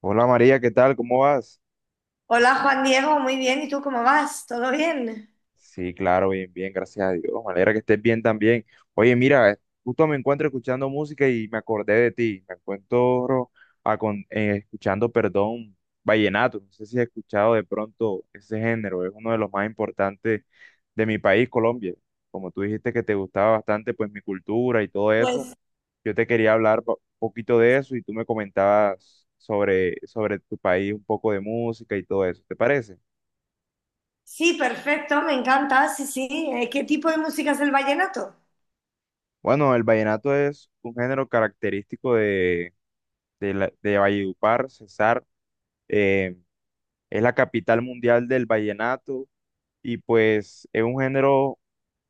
Hola María, ¿qué tal? ¿Cómo vas? Hola Juan Diego, muy bien. ¿Y tú cómo vas? ¿Todo bien? Sí, claro, bien, bien, gracias a Dios. Me alegra que estés bien también. Oye, mira, justo me encuentro escuchando música y me acordé de ti. Me encuentro escuchando, perdón, vallenato. No sé si has escuchado de pronto ese género. Es uno de los más importantes de mi país, Colombia. Como tú dijiste que te gustaba bastante, pues mi cultura y todo eso. Pues Yo te quería hablar un poquito de eso y tú me comentabas sobre tu país, un poco de música y todo eso. ¿Te parece? sí, perfecto, me encanta. Sí, sí. ¿Qué tipo de música es el vallenato? Bueno, el vallenato es un género característico de Valledupar, Cesar. eh, es la capital mundial del vallenato y pues es un género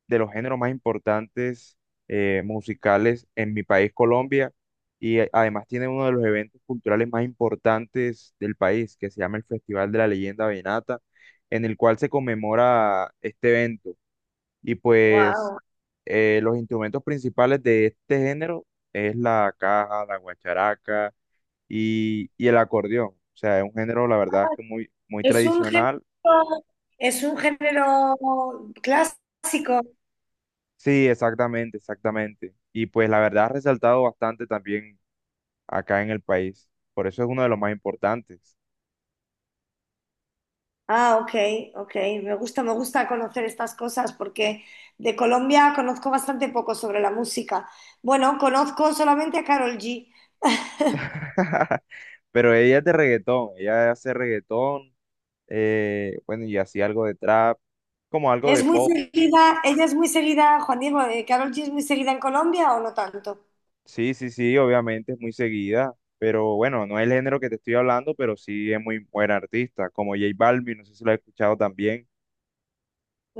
de los géneros más importantes musicales en mi país, Colombia, y además tiene uno de los eventos culturales más importantes del país, que se llama el Festival de la Leyenda Vallenata, en el cual se conmemora este evento. Y pues Wow. Los instrumentos principales de este género es la caja, la guacharaca y el acordeón. O sea, es un género, la verdad, es que muy, muy Es un género, tradicional. es un género clásico. Sí, exactamente, exactamente. Y pues la verdad ha resaltado bastante también acá en el país. Por eso es uno de los más importantes. Ah, ok, ok. Me gusta conocer estas cosas porque de Colombia conozco bastante poco sobre la música. Bueno, conozco solamente a Carol G. Pero ella es de reggaetón, ella hace reggaetón, bueno, y así algo de trap, como algo de Es muy pop. seguida, ella es muy seguida, Juan Diego. ¿Carol G es muy seguida en Colombia o no tanto? Sí, sí, sí, obviamente es muy seguida, pero bueno, no es el género que te estoy hablando, pero sí es muy buen artista, como J Balvin, no sé si lo has escuchado también.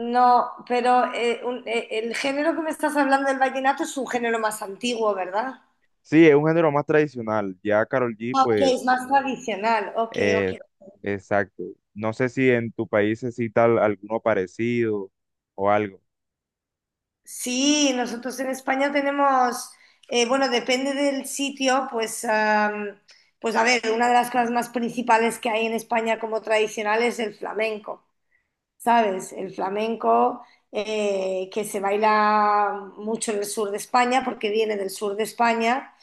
No, pero el género que me estás hablando del vallenato es un género más antiguo, ¿verdad? Sí, es un género más tradicional, ya Karol G, Ah, ok, es pues, más tradicional. Ok, ok. eh, exacto. No sé si en tu país se cita alguno parecido o algo. Sí, nosotros en España tenemos, bueno, depende del sitio, pues, pues a ver, una de las cosas más principales que hay en España como tradicional es el flamenco, ¿sabes? El flamenco que se baila mucho en el sur de España porque viene del sur de España.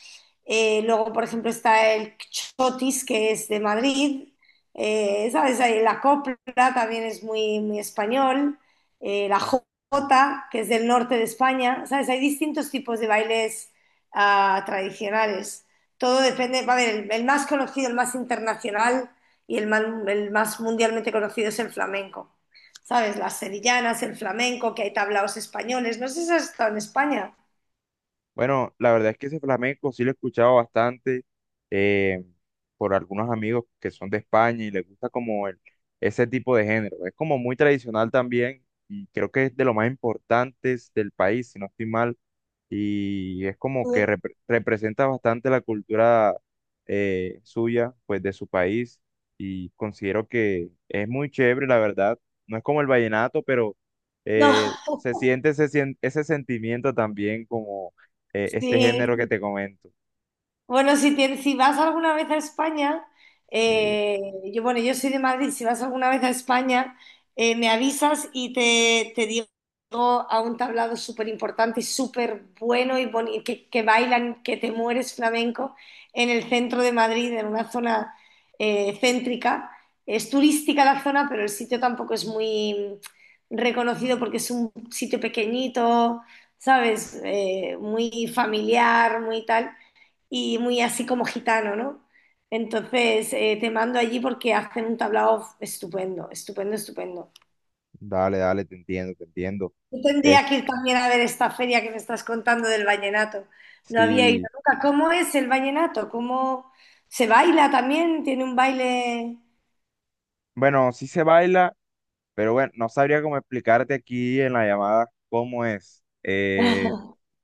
Luego, por ejemplo, está el Chotis, que es de Madrid. ¿Sabes? Ahí la copla también es muy, muy español. La jota, que es del norte de España. ¿Sabes? Hay distintos tipos de bailes tradicionales. Todo depende. A ver, el más conocido, el más internacional y el más mundialmente conocido es el flamenco. ¿Sabes? Las sevillanas, el flamenco, que hay tablaos españoles. No sé si has estado en España. Bueno, la verdad es que ese flamenco sí lo he escuchado bastante eh, por algunos amigos que son de España y les gusta como ese tipo de género. Es como muy tradicional también y creo que es de lo más importantes del país, si no estoy mal y es como que Sí. Representa bastante la cultura suya, pues de su país, y considero que es muy chévere, la verdad. No es como el vallenato, pero No, se siente ese sentimiento también como este sí, género que sí. te comento. Bueno, si vas alguna vez a España, Sí, eh, yo, bueno, yo soy de Madrid, si vas alguna vez a España, me avisas y te digo a un tablado súper importante y súper bueno y que bailan, que te mueres flamenco en el centro de Madrid, en una zona céntrica. Es turística la zona, pero el sitio tampoco es muy reconocido porque es un sitio pequeñito, ¿sabes? Muy familiar, muy tal y muy así como gitano, ¿no? Entonces te mando allí porque hacen un tablao estupendo, estupendo, estupendo. dale, dale, te entiendo, te entiendo. Yo Es, tendría que ir también a ver esta feria que me estás contando del vallenato. No había ido sí, nunca. ¿Cómo es el vallenato? ¿Cómo se baila también? ¿Tiene un baile? bueno, sí se baila, pero bueno, no sabría cómo explicarte aquí en la llamada cómo es.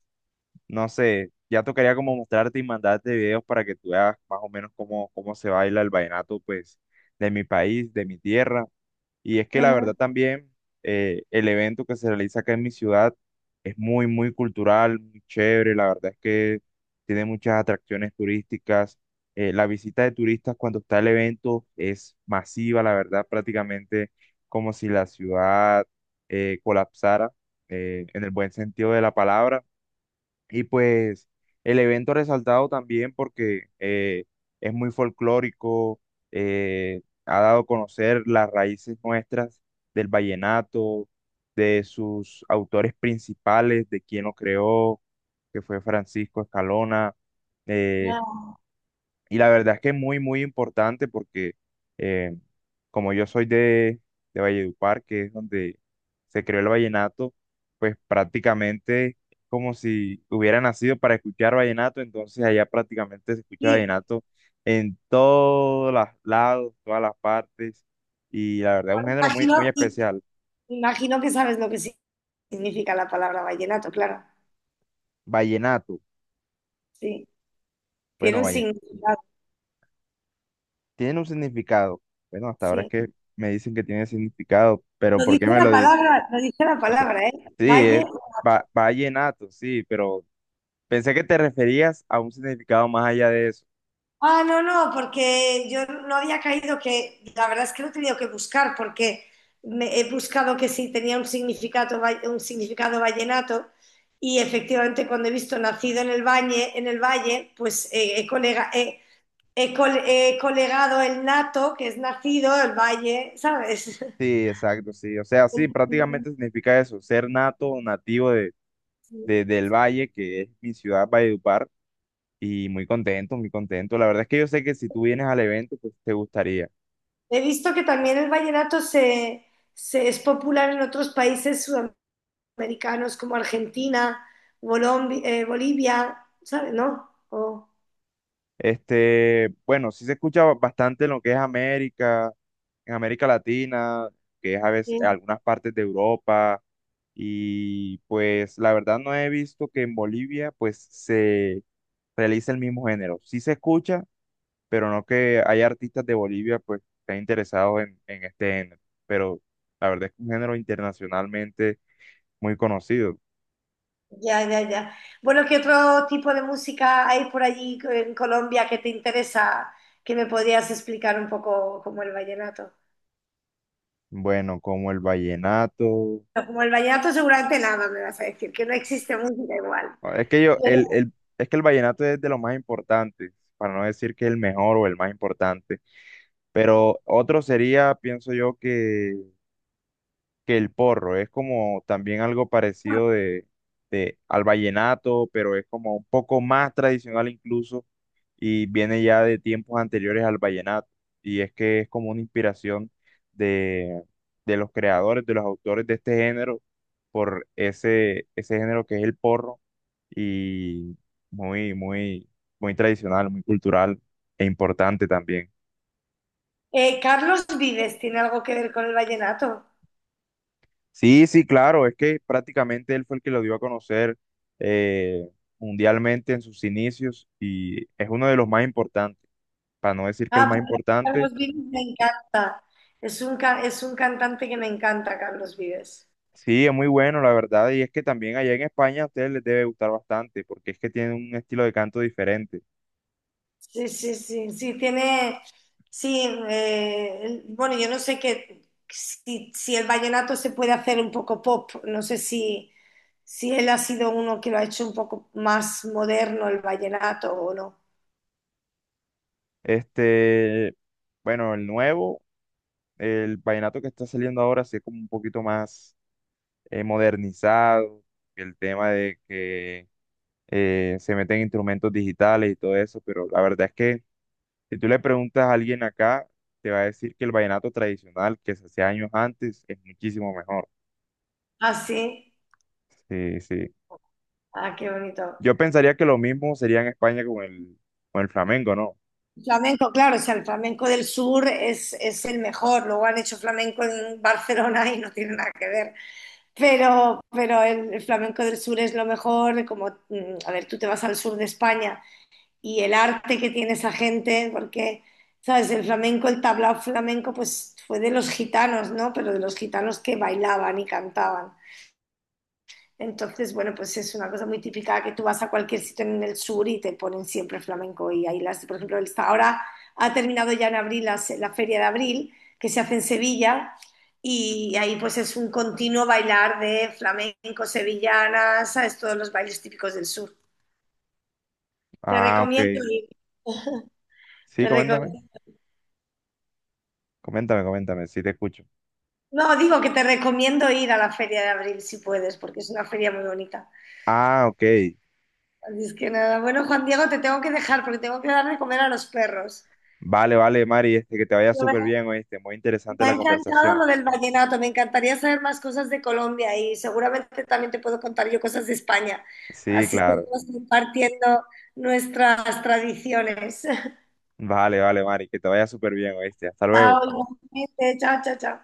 No sé, ya tocaría como mostrarte y mandarte videos para que tú veas más o menos cómo se baila el vallenato, pues, de mi país, de mi tierra. Y es que la verdad también, el evento que se realiza acá en mi ciudad es muy, muy cultural, muy chévere. La verdad es que tiene muchas atracciones turísticas. La visita de turistas cuando está el evento es masiva, la verdad, prácticamente como si la ciudad colapsara, en el buen sentido de la palabra y pues el evento resaltado también porque es muy folclórico, ha dado a conocer las raíces nuestras del vallenato, de sus autores principales, de quien lo creó, que fue Francisco Escalona, eh, y la verdad es que es muy, muy importante porque eh, como yo soy de Valledupar, que es donde se creó el vallenato, pues prácticamente es como si hubiera nacido para escuchar vallenato, entonces allá prácticamente se escucha Sí, vallenato en todos los lados, todas las partes, y la verdad es un bueno, género muy, muy imagino, especial. imagino que sabes lo que significa la palabra vallenato, claro. Vallenato, Sí, tiene bueno, un significado, tiene un significado, bueno, hasta ahora es sí. que me dicen que tiene significado, pero Lo ¿por qué dice me la lo dicen? palabra, lo dice la O sea, palabra, ¿eh? sí, Valle. es vallenato, sí, pero pensé que te referías a un significado más allá de eso. Ah, no, no, porque yo no había caído que, la verdad es que lo he tenido que buscar porque he buscado que si tenía un significado, un significado vallenato y efectivamente cuando he visto nacido en el valle, pues he, colega, he colegado el nato, que es nacido, el valle, ¿sabes? Sí, exacto, sí. O sea, sí, prácticamente significa eso, ser nato o nativo del Valle, que es mi ciudad, Valledupar, y muy contento, muy contento. La verdad es que yo sé que si tú vienes al evento, pues te gustaría. He visto que también el vallenato se es popular en otros países americanos como Argentina, Bolivia, ¿sabes? ¿No? O Este, bueno, sí se escucha bastante en lo que es América, en América Latina, que es a veces sí, algunas partes de Europa. Y pues la verdad no he visto que en Bolivia pues se realice el mismo género. Sí se escucha, pero no que hay artistas de Bolivia pues estén interesados en este género. Pero la verdad es que es un género internacionalmente muy conocido. ya, ya, ya. Bueno, ¿qué otro tipo de música hay por allí en Colombia que te interesa que me podías explicar un poco como el vallenato? Bueno, como el vallenato. No, como el vallenato seguramente nada me vas a decir, que no existe música igual. Ah, es que yo, Pero, es que el vallenato es de lo más importante, para no decir que es el mejor o el más importante. Pero otro sería, pienso yo, que el porro. Es como también algo parecido al vallenato, pero es como un poco más tradicional incluso y viene ya de tiempos anteriores al vallenato. Y es que es como una inspiración de, de los creadores, de los autores de este género, por ese género que es el porro y muy, muy, muy tradicional, muy cultural e importante también. Carlos Vives tiene algo que ver con el vallenato. Sí, sí, claro, es que prácticamente él fue el que lo dio a conocer eh, mundialmente en sus inicios y es uno de los más importantes, para no decir que el Ah, más porque importante. Carlos Vives me encanta. Es un, es un cantante que me encanta, Carlos Vives. Sí, es muy bueno, la verdad, y es que también allá en España a ustedes les debe gustar bastante, porque es que tienen un estilo de canto diferente. Sí, sí, sí, sí, tiene, sí, bueno, yo no sé qué, si, si el vallenato se puede hacer un poco pop, no sé si, si él ha sido uno que lo ha hecho un poco más moderno el vallenato o no. Este, bueno, el nuevo, el vallenato que está saliendo ahora, sí es como un poquito más modernizado, el tema de que se meten instrumentos digitales y todo eso, pero la verdad es que si tú le preguntas a alguien acá, te va a decir que el vallenato tradicional que se hacía años antes es muchísimo mejor. Ah, sí, Sí, sí. ah, qué bonito. Yo pensaría que lo mismo sería en España con con el flamenco, ¿no? Flamenco, claro, o sea, el flamenco del sur es el mejor, luego han hecho flamenco en Barcelona y no tiene nada que ver. Pero el flamenco del sur es lo mejor, como, mm, a ver, tú te vas al sur de España y el arte que tiene esa gente, porque, ¿sabes? El flamenco, el tablao flamenco, pues fue de los gitanos, ¿no? Pero de los gitanos que bailaban y cantaban. Entonces, bueno, pues es una cosa muy típica que tú vas a cualquier sitio en el sur y te ponen siempre flamenco. Y ahí las, por ejemplo, ahora ha terminado ya en abril la Feria de Abril, que se hace en Sevilla, y ahí pues es un continuo bailar de flamenco, sevillanas, ¿sabes? Todos los bailes típicos del sur. Te Ah, ok. recomiendo ir, Sí, te coméntame, recomiendo. coméntame, coméntame, sí te escucho. No, digo que te recomiendo ir a la Feria de Abril si puedes, porque es una feria muy bonita. Ah, ok. Así es que nada, bueno, Juan Diego, te tengo que dejar porque tengo que dar de comer a los perros. Vale, vale, Mari, este, que te vaya Pero Me súper bien, oíste. Muy interesante me ha la encantado conversación. lo del vallenato, me encantaría saber más cosas de Colombia y seguramente también te puedo contar yo cosas de España. Sí, Así claro. seguimos compartiendo nuestras tradiciones. Vale, vale, Mari, que te vaya súper bien, oíste. Hasta luego. Chao, igualmente. Chao, chao, chao.